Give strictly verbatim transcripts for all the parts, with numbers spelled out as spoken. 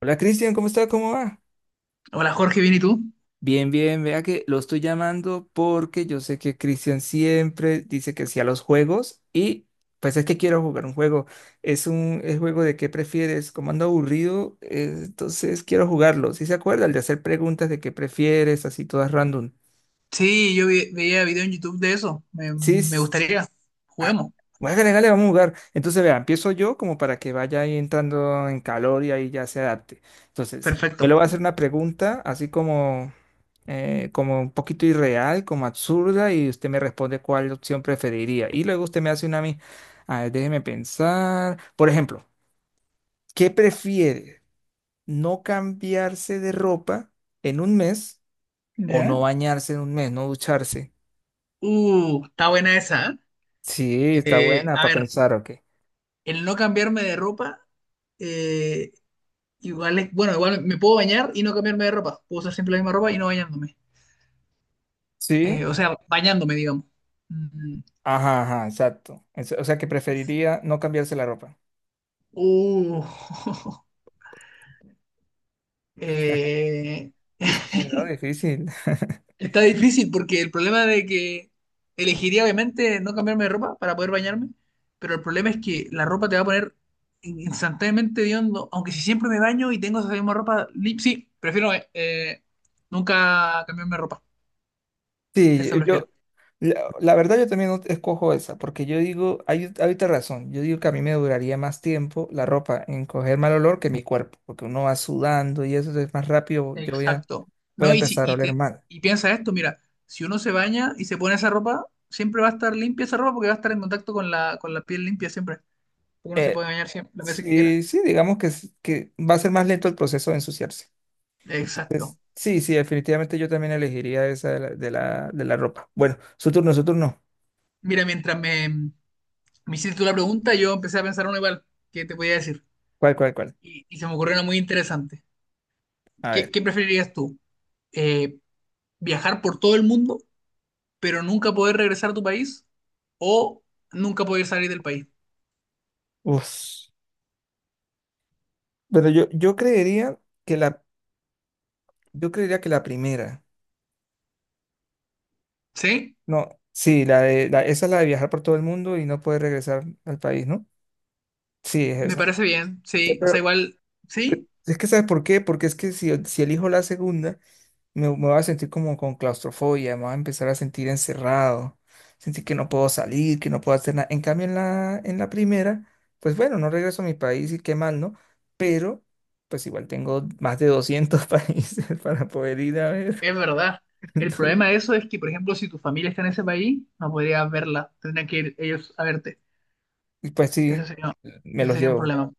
Hola Cristian, ¿cómo está? ¿Cómo va? Hola Jorge, ¿bien y tú? Bien, bien, vea que lo estoy llamando porque yo sé que Cristian siempre dice que sí a los juegos y pues es que quiero jugar un juego. Es un es juego de qué prefieres, como ando aburrido, eh, entonces quiero jugarlo. ¿Sí se acuerda? El de hacer preguntas de qué prefieres, así todas random. Sí, yo vi- veía video en YouTube de eso. Me, Sí. me gustaría. Ah, Juguemos. bueno, hágale, hágale, vamos a jugar. Entonces, vea, empiezo yo como para que vaya ahí entrando en calor y ahí ya se adapte. Entonces, yo Perfecto. le voy a hacer una pregunta así como, eh, como un poquito irreal, como absurda, y usted me responde cuál opción preferiría. Y luego usted me hace una a mí. A ver, déjeme pensar. Por ejemplo, ¿qué prefiere? ¿No cambiarse de ropa en un mes o ¿Ya? no bañarse en un mes, no ducharse? Uh, está buena esa, ¿eh? Sí, está Eh, buena A para ver, pensar, ¿ok? el no cambiarme de ropa, eh, igual es, bueno, igual me puedo bañar y no cambiarme de ropa. Puedo usar siempre la misma ropa y no bañándome. Eh, Sí. O sea, bañándome, digamos. Mm, Ajá, ajá, exacto. Es- O sea que preferiría no cambiarse la ropa. uh, eh, Difícil, ¿no? Difícil. Está difícil porque el problema de que elegiría obviamente no cambiarme de ropa para poder bañarme, pero el problema es que la ropa te va a poner in- instantáneamente hediondo, aunque si siempre me baño y tengo esa misma ropa, li- sí, prefiero eh, eh, nunca cambiarme de ropa, esa Sí, prefiero. yo, la, la verdad yo también escojo esa, porque yo digo, hay, hay otra razón, yo digo que a mí me duraría más tiempo la ropa en coger mal olor que mi cuerpo, porque uno va sudando y eso es más rápido, yo voy a, Exacto. voy a No, y, si, empezar a y, oler te- mal. y piensa esto, mira, si uno se baña y se pone esa ropa, siempre va a estar limpia esa ropa porque va a estar en contacto con la, con la piel limpia siempre, porque uno se Eh, puede bañar siempre, las veces que quiera. sí, sí, digamos que, s- que va a ser más lento el proceso de ensuciarse. Exacto. Entonces, sí, sí, definitivamente yo también elegiría esa de la, de la, de la ropa. Bueno, su turno, su turno. Mira, mientras me, Me hiciste tú la pregunta, yo empecé a pensar uno igual, ¿qué te podía decir? ¿Cuál, cuál, cuál? Y, y se me ocurrió una muy interesante. A ver. ¿Qué, ¿qué preferirías tú? Eh, ¿viajar por todo el mundo, pero nunca poder regresar a tu país? ¿O nunca poder salir del país? Uf. Bueno, yo, yo creería que la, yo creería que la primera. ¿Sí? No, sí, la de, la, esa es la de viajar por todo el mundo y no poder regresar al país, ¿no? Sí, es Me esa. parece bien, Sí. sí. O sea, Pero, igual, eh, sí, es que ¿sabes por qué? Porque es que si, si elijo la segunda, me, me voy a sentir como con claustrofobia, me voy a empezar a sentir encerrado, sentir que no puedo salir, que no puedo hacer nada. En cambio, en la, en la primera, pues bueno, no regreso a mi país y qué mal, ¿no? Pero pues igual tengo más de doscientos países para poder ir a ver. es verdad. El problema de eso es que, por ejemplo, si tu familia está en ese país, no podrías verla. Tendrían que ir ellos a verte. Y pues Ese sí, sería, me ese los sería un llevo, problema.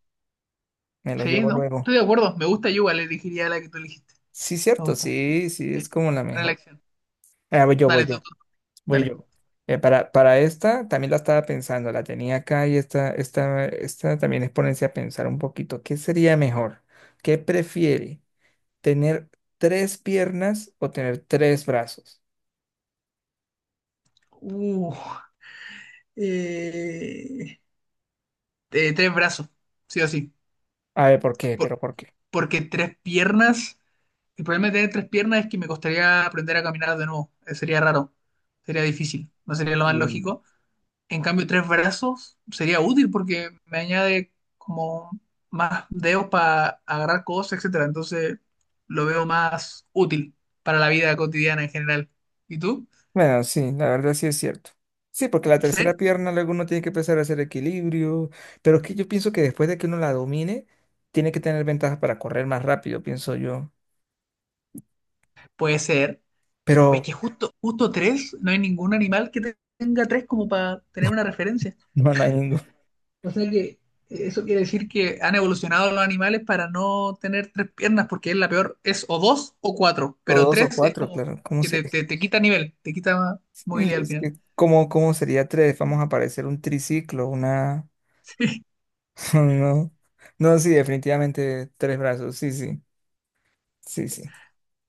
me los Sí, llevo ¿no? luego. Estoy de acuerdo. Me gusta, yo igual elegiría la que tú elegiste. Sí, Me cierto, gusta. sí, sí, Sí, es como la buena mejor. elección. Ah, voy yo, voy Dale, tú, yo, tú. voy Dale. yo. Eh, para, para esta también la estaba pensando, la tenía acá y esta, esta, esta también es ponerse a pensar un poquito. ¿Qué sería mejor? ¿Qué prefiere? ¿Tener tres piernas o tener tres brazos? Uh, eh, eh, tres brazos, sí o sí. A ver, ¿por qué? Por- ¿Pero por qué? porque tres piernas. El problema de tener tres piernas es que me costaría aprender a caminar de nuevo. Eh, sería raro. Sería difícil. No sería lo más lógico. En cambio, tres brazos sería útil porque me añade como más dedos para agarrar cosas, etcétera. Entonces, lo veo más útil para la vida cotidiana en general. ¿Y tú? Bueno, sí, la verdad sí es cierto. Sí, porque la Sí, tercera pierna luego uno tiene que empezar a hacer equilibrio, pero es que yo pienso que después de que uno la domine, tiene que tener ventajas para correr más rápido, pienso yo. puede ser. Pero Es que justo, justo tres, no hay ningún animal que tenga tres como para tener una referencia. no, no hay ninguno. O sea que eso quiere decir que han evolucionado los animales para no tener tres piernas, porque es la peor, es o dos o cuatro, O pero dos o tres es cuatro, como claro. ¿Cómo que se, te, te, te quita nivel, te quita movilidad al es final. que, ¿cómo, cómo sería tres? Vamos a aparecer un triciclo, una... No, no, sí, definitivamente tres brazos, sí, sí, sí, sí.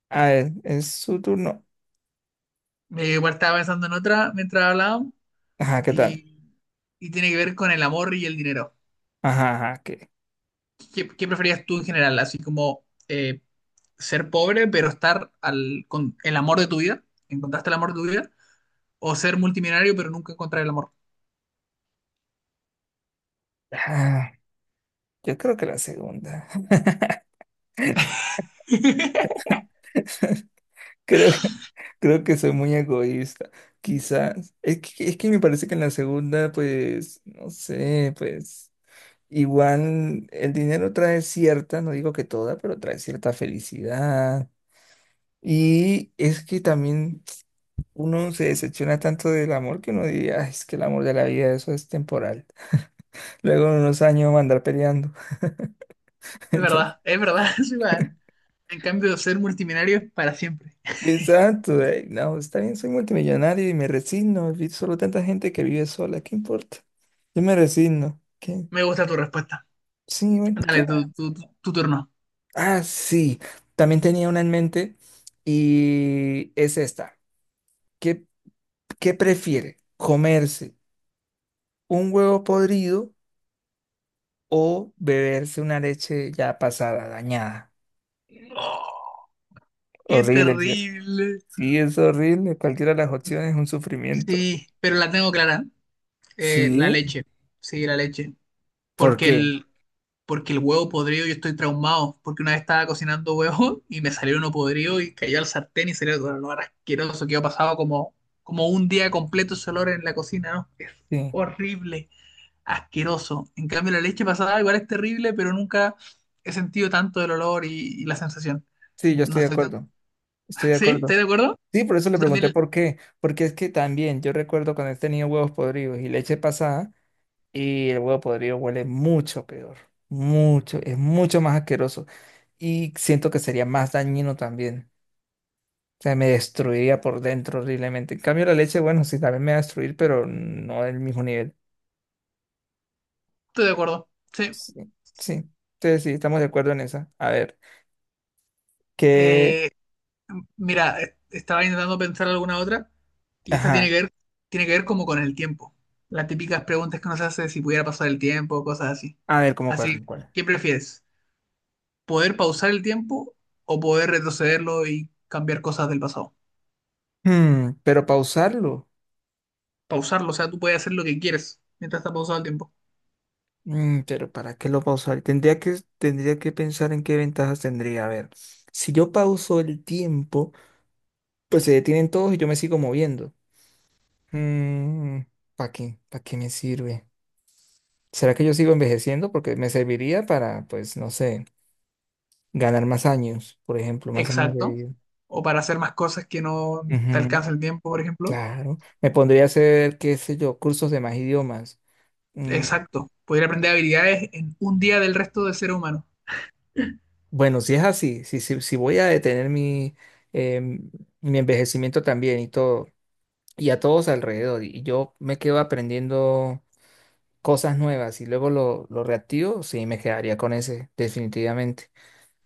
A ver, es su turno. Sí. Me igual estaba pensando en otra mientras hablábamos Ajá, ¿qué tal? y, y tiene que ver con el amor y el dinero. Ajá, ajá, ¿qué? ¿Qué, ¿qué preferías tú en general? Así como eh, ser pobre, pero estar al, con el amor de tu vida. ¿Encontraste el amor de tu vida? O ser multimillonario, pero nunca encontrar el amor. Ah, yo creo que la segunda. creo, creo que soy muy egoísta. Quizás. Es que, es que me parece que en la segunda, pues, no sé, pues, igual el dinero trae cierta, no digo que toda, pero trae cierta felicidad. Y es que también uno se decepciona tanto del amor que uno diría, "Ay, es que el amor de la vida, eso es temporal. Luego en unos años va a andar peleando. Es entonces verdad, es verdad, es igual. En cambio, ser multimillonario es para siempre. Exacto. eh, No, está bien, soy multimillonario y me resigno. Vi solo tanta gente que vive sola, ¿qué importa? Yo me resigno. ¿Qué? Me gusta tu respuesta. Sí, bueno, ¿qué Dale, tu, más? tu- tu- tu turno. Ah, sí, también tenía una en mente y es esta. ¿Qué, qué prefiere? ¿Comerse un huevo podrido o beberse una leche ya pasada, dañada? Oh, qué Horrible, ¿cierto? terrible. Sí, es horrible. Cualquiera de las opciones es un sufrimiento. Sí, pero la tengo clara. Eh, la Sí, leche. Sí, la leche. ¿por Porque qué? el, porque el huevo podrido yo estoy traumado, porque una vez estaba cocinando huevo y me salió uno podrido y cayó al sartén y salió todo el olor asqueroso que yo pasado como, como un día completo ese olor en la cocina, ¿no? Es Sí, horrible, asqueroso. En cambio la leche pasada igual es terrible, pero nunca he sentido tanto el olor y, y la sensación. sí, yo No estoy de estoy tan... acuerdo. Estoy de ¿Sí? ¿Estás acuerdo. de acuerdo? Sí, por eso le Tú pregunté también por qué. Porque es que también yo recuerdo cuando he tenido huevos podridos y leche pasada, y el huevo podrido huele mucho peor. Mucho, es mucho más asqueroso. Y siento que sería más dañino también. O sea, me destruiría por dentro horriblemente. En cambio, la leche, bueno, sí, también me va a destruir, pero no del mismo nivel. estoy de acuerdo. Sí. Sí, sí. Entonces, sí, estamos de acuerdo en esa. A ver, que. Eh, Mira, eh, estaba intentando pensar alguna otra y esta tiene Ajá. que ver, tiene que ver como con el tiempo. Las típicas preguntas que nos hace si pudiera pasar el tiempo, cosas así. A ver, ¿cómo cuál, Así, cómo cuál? ¿qué prefieres? ¿Poder pausar el tiempo o poder retrocederlo y cambiar cosas del pasado? Hmm, pero pausarlo. Pausarlo, o sea, tú puedes hacer lo que quieres mientras está pausado el tiempo. Mm, pero ¿para qué lo pausar? Tendría que, tendría que pensar en qué ventajas tendría. A ver, si yo pauso el tiempo, pues se detienen todos y yo me sigo moviendo. ¿Para qué? ¿Para qué me sirve? ¿Será que yo sigo envejeciendo? Porque me serviría para, pues, no sé, ganar más años, por ejemplo, más años de Exacto. vida. O para hacer más cosas que no te Ujú. alcanza el tiempo, por ejemplo. Claro. Me pondría a hacer, qué sé yo, cursos de más idiomas. Mm, Exacto. Poder aprender habilidades en un día del resto de ser humano. bueno, si es así, si, si, si voy a detener mi, em, mi envejecimiento también y todo, y a todos alrededor. Y yo me quedo aprendiendo cosas nuevas y luego lo, lo reactivo, sí, me quedaría con ese, definitivamente.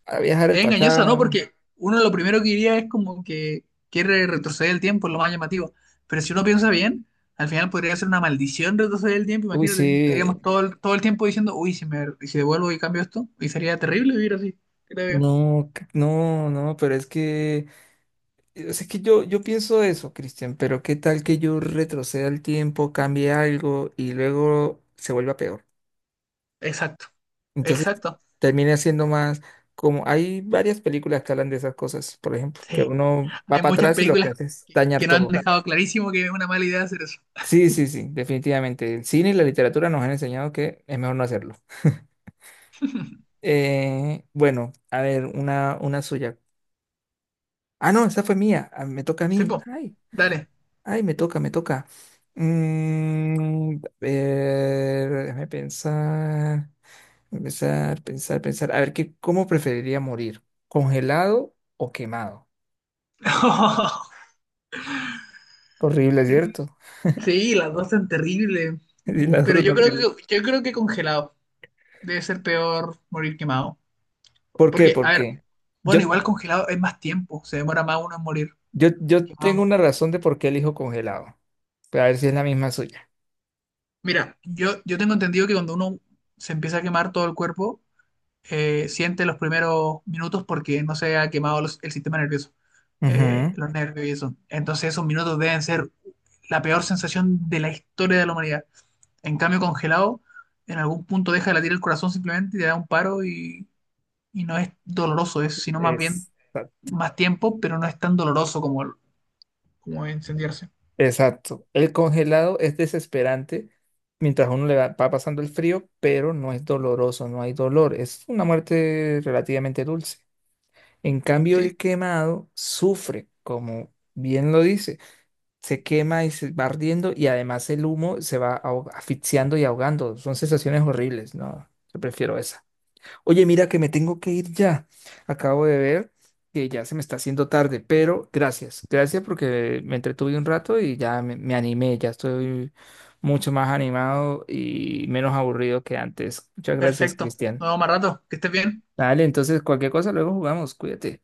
A viajar al Es engañosa, ¿no? pasado. Porque uno lo primero que diría es como que quiere retroceder el tiempo, es lo más llamativo. Pero si uno piensa bien, al final podría ser una maldición retroceder el tiempo, Uy, imagínate. sí. Estaríamos todo el, todo el tiempo diciendo, uy, si me y si devuelvo y cambio esto, y sería terrible vivir así, creo yo. No, c- no, no, pero es que, eh, es que yo, yo pienso eso, Cristian, pero qué tal que yo retroceda el tiempo, cambie algo y luego se vuelva peor. Exacto, Entonces exacto. termine haciendo más, como hay varias películas que hablan de esas cosas, por ejemplo, que Sí, uno va hay para muchas atrás y lo que películas hace es que, dañar que nos han todo. dejado clarísimo que es una mala idea hacer eso. Sí, sí, sí, definitivamente. El cine y la literatura nos han enseñado que es mejor no hacerlo. Eh, bueno, a ver, una, una suya. Ah, no, esa fue mía. Ah, me toca a Sí, mí. po, Ay, dale. ay, me toca, me toca. Mm, a ver, déjame pensar, pensar, pensar, pensar. A ver, ¿qué, cómo preferiría morir? ¿Congelado o quemado? Horrible, ¿cierto? Sí, las dos son terribles. Sí, las dos Pero son yo creo horribles. que, yo creo que congelado. Debe ser peor morir quemado. ¿Por qué? Porque, a ¿Por ver, qué? Yo, bueno, igual congelado es más tiempo, se demora más uno en morir yo, yo tengo quemado. una razón de por qué elijo congelado. A ver si es la misma suya. Mira, yo, yo tengo entendido que cuando uno se empieza a quemar todo el cuerpo, eh, siente los primeros minutos porque no se ha quemado los- el sistema nervioso, eh, Ujú. los nervios y eso. Entonces esos minutos deben ser la peor sensación de la historia de la humanidad. En cambio, congelado, en algún punto deja de latir el corazón simplemente y te da un paro y, y no es doloroso, es sino más bien Es- más tiempo, pero no es tan doloroso como, como incendiarse. exacto. El congelado es desesperante mientras uno le va, va pasando el frío, pero no es doloroso, no hay dolor. Es una muerte relativamente dulce. En cambio, Sí, el quemado sufre, como bien lo dice. Se quema y se va ardiendo y además el humo se va ahog- asfixiando y ahogando. Son sensaciones horribles, ¿no? Yo prefiero esa. Oye, mira que me tengo que ir ya. Acabo de ver que ya se me está haciendo tarde, pero gracias. Gracias porque me entretuve un rato y ya me, me animé, ya estoy mucho más animado y menos aburrido que antes. Muchas gracias, perfecto. Cristian. Nos vemos más rato. Que estés bien. Dale, entonces cualquier cosa luego jugamos, cuídate.